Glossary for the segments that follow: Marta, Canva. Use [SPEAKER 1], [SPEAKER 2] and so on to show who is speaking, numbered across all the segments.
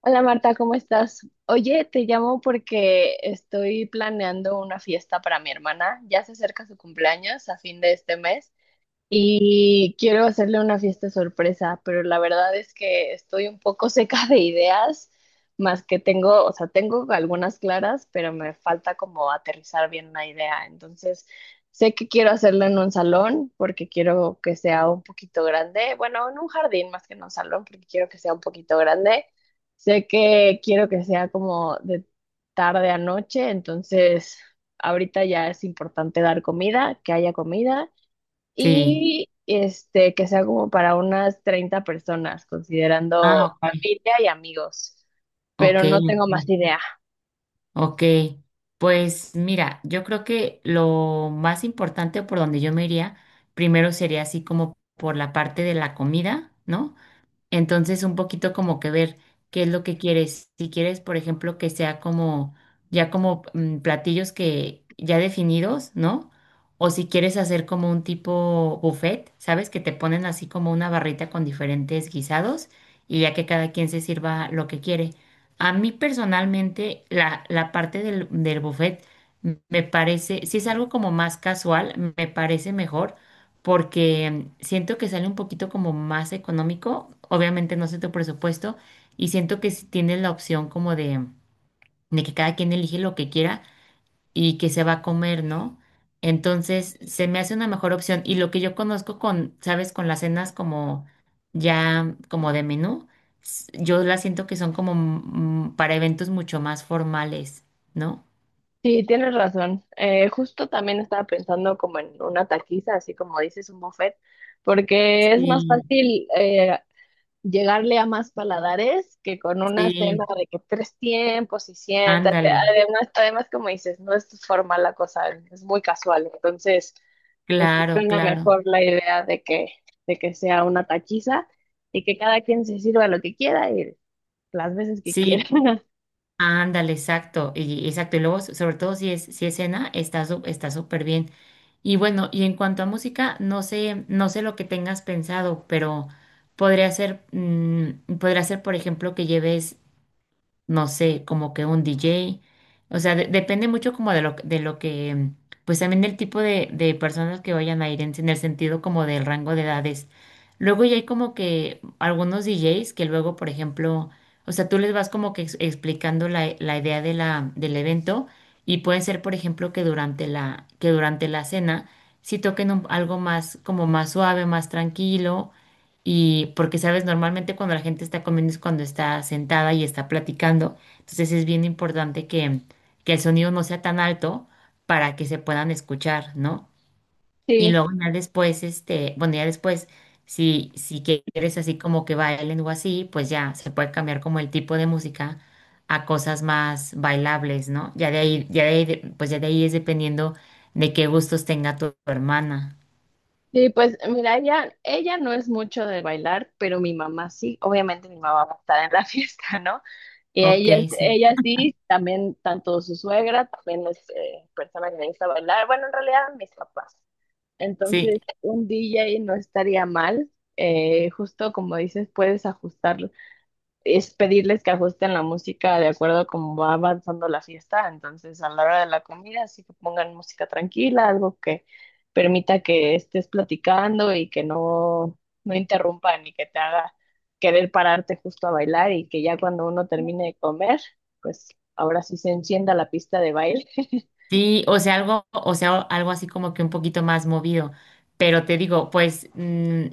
[SPEAKER 1] Hola Marta, ¿cómo estás? Oye, te llamo porque estoy planeando una fiesta para mi hermana. Ya se acerca su cumpleaños a fin de este mes y quiero hacerle una fiesta sorpresa, pero la verdad es que estoy un poco seca de ideas, más que tengo, o sea, tengo algunas claras, pero me falta como aterrizar bien una idea. Entonces, sé que quiero hacerlo en un salón porque quiero que sea un poquito grande, bueno, en un jardín más que en un salón porque quiero que sea un poquito grande. Sé que quiero que sea como de tarde a noche, entonces ahorita ya es importante dar comida, que haya comida
[SPEAKER 2] Sí.
[SPEAKER 1] y que sea como para unas 30 personas,
[SPEAKER 2] Ah,
[SPEAKER 1] considerando
[SPEAKER 2] ok,
[SPEAKER 1] familia y amigos,
[SPEAKER 2] ok,
[SPEAKER 1] pero no tengo más
[SPEAKER 2] ok.
[SPEAKER 1] idea.
[SPEAKER 2] Ok. Pues mira, yo creo que lo más importante por donde yo me iría, primero sería así como por la parte de la comida, ¿no? Entonces, un poquito como que ver qué es lo que quieres. Si quieres, por ejemplo, que sea como ya como platillos que ya definidos, ¿no? O si quieres hacer como un tipo buffet, ¿sabes? Que te ponen así como una barrita con diferentes guisados y ya que cada quien se sirva lo que quiere. A mí personalmente, la parte del buffet me parece, si es algo como más casual, me parece mejor porque siento que sale un poquito como más económico, obviamente no sé tu presupuesto, y siento que si tienes la opción como de que cada quien elige lo que quiera y que se va a comer, ¿no? Entonces se me hace una mejor opción y lo que yo conozco con, sabes, con las cenas como ya como de menú, yo las siento que son como para eventos mucho más formales, ¿no?
[SPEAKER 1] Sí, tienes razón. Justo también estaba pensando como en una taquiza, así como dices, un buffet, porque es más
[SPEAKER 2] Sí,
[SPEAKER 1] fácil llegarle a más paladares que con una cena
[SPEAKER 2] sí,
[SPEAKER 1] de que tres tiempos y siéntate.
[SPEAKER 2] ándale,
[SPEAKER 1] Además, además como dices, no es formal la cosa, es muy casual. Entonces, pues sí
[SPEAKER 2] claro,
[SPEAKER 1] suena
[SPEAKER 2] claro.
[SPEAKER 1] mejor la idea de que sea una tachiza y que cada quien se sirva lo que quiera y las veces que quiera.
[SPEAKER 2] Sí, ándale, exacto, y exacto, y luego sobre todo si es cena, está está súper bien. Y bueno, y en cuanto a música, no sé, no sé lo que tengas pensado, pero podría ser podría ser por ejemplo que lleves no sé, como que un DJ. O sea, depende mucho como de lo que, pues también del tipo de personas que vayan a ir en el sentido como del rango de edades. Luego ya hay como que algunos DJs que luego, por ejemplo, o sea, tú les vas como que explicando la, la idea de la, del evento y puede ser, por ejemplo, que durante la cena si toquen algo más, como más suave, más tranquilo y porque, sabes, normalmente cuando la gente está comiendo es cuando está sentada y está platicando. Entonces es bien importante que el sonido no sea tan alto para que se puedan escuchar, ¿no? Y
[SPEAKER 1] Sí,
[SPEAKER 2] luego ya después, este, bueno, ya después, si, si quieres así como que bailen o así, pues ya se puede cambiar como el tipo de música a cosas más bailables, ¿no? Pues ya de ahí es dependiendo de qué gustos tenga tu hermana.
[SPEAKER 1] sí, pues mira, ella no es mucho de bailar, pero mi mamá sí, obviamente mi mamá va a estar en la fiesta, ¿no? Y
[SPEAKER 2] Ok,
[SPEAKER 1] ella,
[SPEAKER 2] sí.
[SPEAKER 1] ella sí, también, tanto su suegra, también es persona que le gusta bailar, bueno, en realidad mis papás.
[SPEAKER 2] Sí,
[SPEAKER 1] Entonces, un DJ no estaría mal, justo como dices, puedes ajustar es pedirles que ajusten la música de acuerdo a cómo va avanzando la fiesta. Entonces, a la hora de la comida, sí que pongan música tranquila, algo que permita que estés platicando y que no, no interrumpa ni que te haga querer pararte justo a bailar y que ya cuando uno termine de comer, pues ahora sí se encienda la pista de baile.
[SPEAKER 2] sí, o sea, algo así como que un poquito más movido. Pero te digo, pues,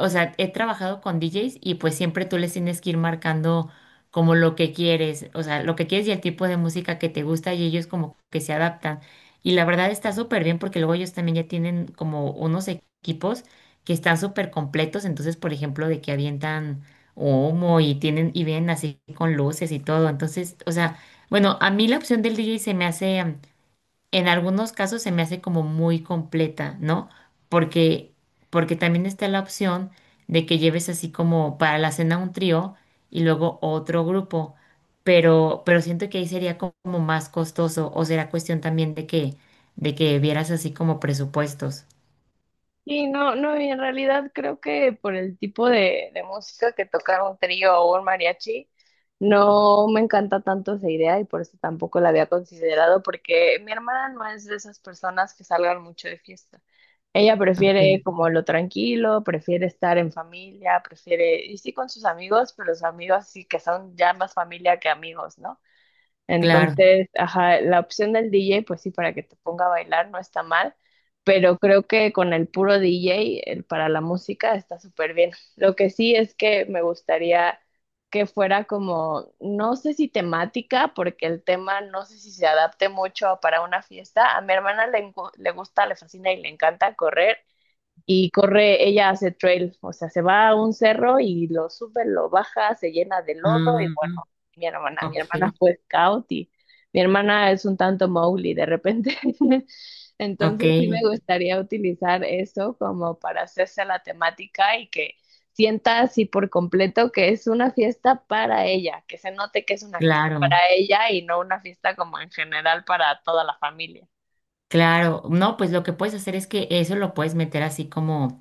[SPEAKER 2] o sea, he trabajado con DJs y pues siempre tú les tienes que ir marcando como lo que quieres, o sea, lo que quieres y el tipo de música que te gusta y ellos como que se adaptan. Y la verdad está súper bien porque luego ellos también ya tienen como unos equipos que están súper completos, entonces, por ejemplo, de que avientan humo y tienen y vienen así con luces y todo. Entonces, o sea, bueno, a mí la opción del DJ se me hace en algunos casos se me hace como muy completa, ¿no? Porque, porque también está la opción de que lleves así como para la cena un trío y luego otro grupo, pero siento que ahí sería como más costoso o será cuestión también de que vieras así como presupuestos.
[SPEAKER 1] Sí, no, no, y en realidad creo que por el tipo de música que tocar un trío o un mariachi, no me encanta tanto esa idea y por eso tampoco la había considerado, porque mi hermana no es de esas personas que salgan mucho de fiesta. Ella prefiere
[SPEAKER 2] Ok,
[SPEAKER 1] como lo tranquilo, prefiere estar en familia, prefiere, y sí con sus amigos, pero sus amigos sí que son ya más familia que amigos, ¿no?
[SPEAKER 2] claro.
[SPEAKER 1] Entonces, ajá, la opción del DJ, pues sí, para que te ponga a bailar no está mal, pero creo que con el puro DJ, el para la música, está súper bien. Lo que sí es que me gustaría que fuera como, no sé si temática, porque el tema no sé si se adapte mucho para una fiesta. A mi hermana le, le gusta, le fascina y le encanta correr, y corre, ella hace trail, o sea, se va a un cerro y lo sube, lo baja, se llena de lodo y
[SPEAKER 2] Ah,
[SPEAKER 1] bueno, mi hermana
[SPEAKER 2] ok,
[SPEAKER 1] fue scout y mi hermana es un tanto Mowgli de repente.
[SPEAKER 2] ok,
[SPEAKER 1] Entonces sí me gustaría utilizar eso como para hacerse la temática y que sienta así por completo que es una fiesta para ella, que se note que es una fiesta para
[SPEAKER 2] claro.
[SPEAKER 1] ella y no una fiesta como en general para toda la familia.
[SPEAKER 2] Claro, no, pues lo que puedes hacer es que eso lo puedes meter así como,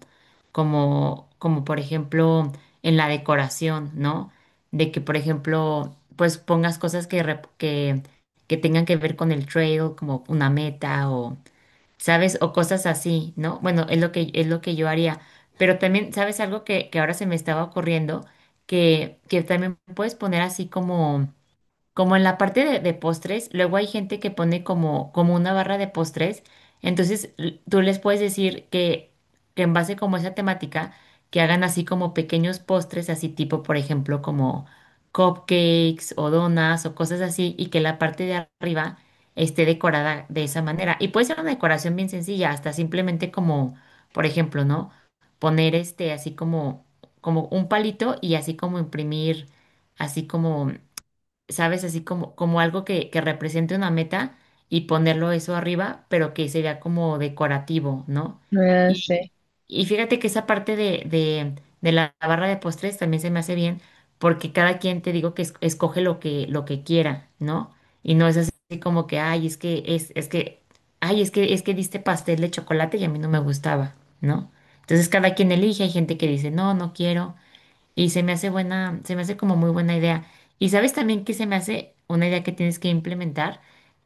[SPEAKER 2] como, como por ejemplo en la decoración, ¿no? De que por ejemplo, pues pongas cosas que, que tengan que ver con el trail, como una meta o, ¿sabes? O cosas así, ¿no? Bueno, es lo que yo haría. Pero también, ¿sabes algo que ahora se me estaba ocurriendo? Que también puedes poner así como como en la parte de postres, luego hay gente que pone como, como una barra de postres, entonces tú les puedes decir que en base como a esa temática, que hagan así como pequeños postres, así tipo, por ejemplo, como cupcakes o donas o cosas así, y que la parte de arriba esté decorada de esa manera. Y puede ser una decoración bien sencilla, hasta simplemente como, por ejemplo, ¿no? Poner este así como, como un palito y así como imprimir así como ¿sabes? Así como, como algo que represente una meta y ponerlo eso arriba, pero que se vea como decorativo, ¿no?
[SPEAKER 1] Ah,
[SPEAKER 2] Y,
[SPEAKER 1] sí,
[SPEAKER 2] y fíjate que esa parte de la barra de postres también se me hace bien, porque cada quien te digo que escoge lo que quiera, ¿no? Y no es así como que, ay, es que, ay, es que diste pastel de chocolate y a mí no me gustaba, ¿no? Entonces cada quien elige, hay gente que dice, no, no quiero. Y se me hace buena, se me hace como muy buena idea. Y sabes también que se me hace una idea que tienes que implementar,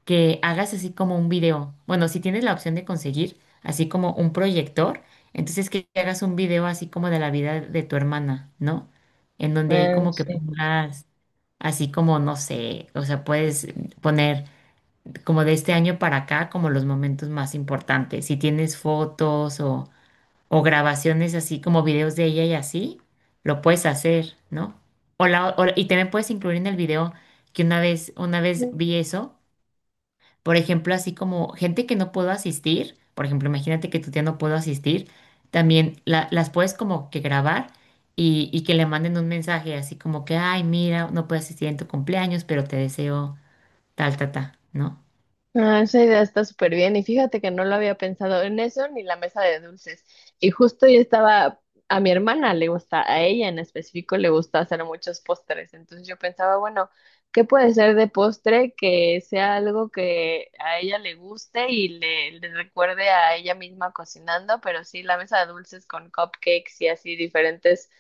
[SPEAKER 2] que hagas así como un video. Bueno, si tienes la opción de conseguir así como un proyector, entonces que hagas un video así como de la vida de tu hermana, ¿no? En donde ahí
[SPEAKER 1] ah,
[SPEAKER 2] como que
[SPEAKER 1] sí.
[SPEAKER 2] pongas así como, no sé, o sea, puedes poner como de este año para acá como los momentos más importantes. Si tienes fotos o grabaciones así como videos de ella y así, lo puedes hacer, ¿no? O la, y también puedes incluir en el video que una vez vi eso, por ejemplo, así como gente que no pudo asistir, por ejemplo, imagínate que tu tía no pudo asistir, también las puedes como que grabar y que le manden un mensaje así como que, ay, mira, no puedo asistir en tu cumpleaños, pero te deseo tal, tal, tal, ¿no?
[SPEAKER 1] Ah, esa idea está súper bien y fíjate que no lo había pensado en eso ni la mesa de dulces. Y justo yo estaba, a mi hermana le gusta, a ella en específico le gusta hacer muchos postres. Entonces yo pensaba, bueno, ¿qué puede ser de postre que sea algo que a ella le guste y le recuerde a ella misma cocinando? Pero sí, la mesa de dulces con cupcakes y así diferentes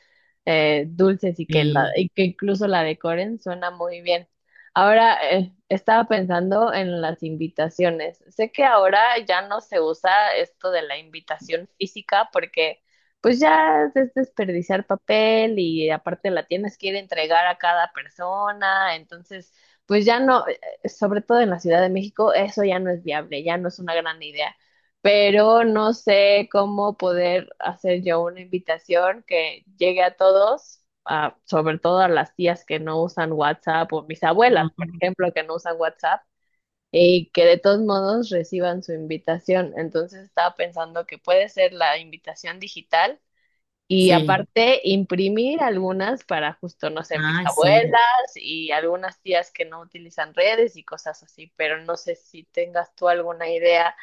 [SPEAKER 1] dulces y que,
[SPEAKER 2] Sí.
[SPEAKER 1] y que incluso la decoren, suena muy bien. Ahora, estaba pensando en las invitaciones. Sé que ahora ya no se usa esto de la invitación física porque pues ya es desperdiciar papel y aparte la tienes que ir a entregar a cada persona, entonces pues ya no, sobre todo en la Ciudad de México, eso ya no es viable, ya no es una gran idea pero no sé cómo poder hacer yo una invitación que llegue a todos, sobre todo a las tías que no usan WhatsApp o mis abuelas, por
[SPEAKER 2] Ujú.
[SPEAKER 1] ejemplo, que no usan WhatsApp y que de todos modos reciban su invitación. Entonces estaba pensando que puede ser la invitación digital y
[SPEAKER 2] Sí,
[SPEAKER 1] aparte, imprimir algunas para justo, no sé, mis
[SPEAKER 2] ah sí.
[SPEAKER 1] abuelas y algunas tías que no utilizan redes y cosas así, pero no sé si tengas tú alguna idea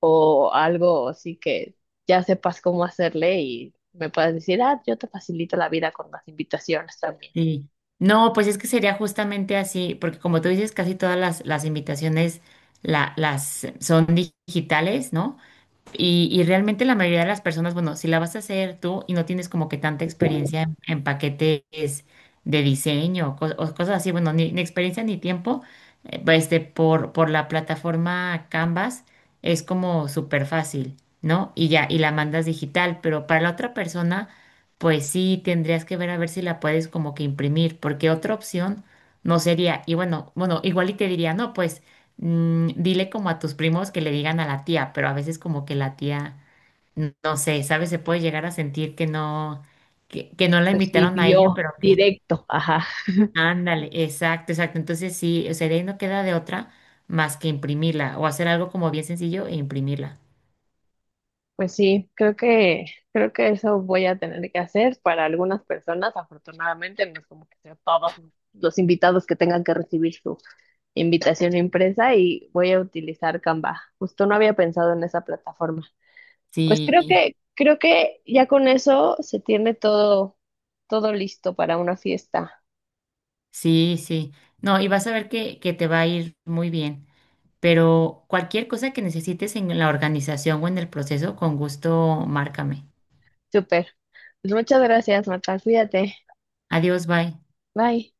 [SPEAKER 1] o algo así que ya sepas cómo hacerle y me puedas decir, ah, yo te facilito la vida con las invitaciones también.
[SPEAKER 2] Sí. No, pues es que sería justamente así, porque como tú dices, casi todas las invitaciones las son digitales, ¿no? Y realmente la mayoría de las personas, bueno, si la vas a hacer tú y no tienes como que tanta experiencia en paquetes de diseño o, o cosas así, bueno, ni, ni experiencia ni tiempo, pues, este, por la plataforma Canvas es como súper fácil, ¿no? Y ya, y la mandas digital, pero para la otra persona, pues sí tendrías que ver a ver si la puedes como que imprimir, porque otra opción no sería, y bueno, bueno, igual y te diría, no, pues. Mm, dile como a tus primos que le digan a la tía, pero a veces como que la tía, no sé, ¿sabes? Se puede llegar a sentir que no la
[SPEAKER 1] Pues sí,
[SPEAKER 2] invitaron a ella,
[SPEAKER 1] vio
[SPEAKER 2] pero que,
[SPEAKER 1] directo, ajá.
[SPEAKER 2] ándale, exacto, exacto. Entonces sí, o sea, de ahí no queda de otra más que imprimirla o hacer algo como bien sencillo e imprimirla.
[SPEAKER 1] Pues sí, creo que eso voy a tener que hacer para algunas personas, afortunadamente, no es como que sea todos los invitados que tengan que recibir su invitación impresa y voy a utilizar Canva. Justo no había pensado en esa plataforma. Pues
[SPEAKER 2] Sí,
[SPEAKER 1] creo que ya con eso se tiene todo, todo listo para una fiesta.
[SPEAKER 2] sí, sí. No, y vas a ver que te va a ir muy bien. Pero cualquier cosa que necesites en la organización o en el proceso, con gusto, márcame.
[SPEAKER 1] Súper. Pues muchas gracias, Marta. Cuídate.
[SPEAKER 2] Adiós, bye.
[SPEAKER 1] Bye.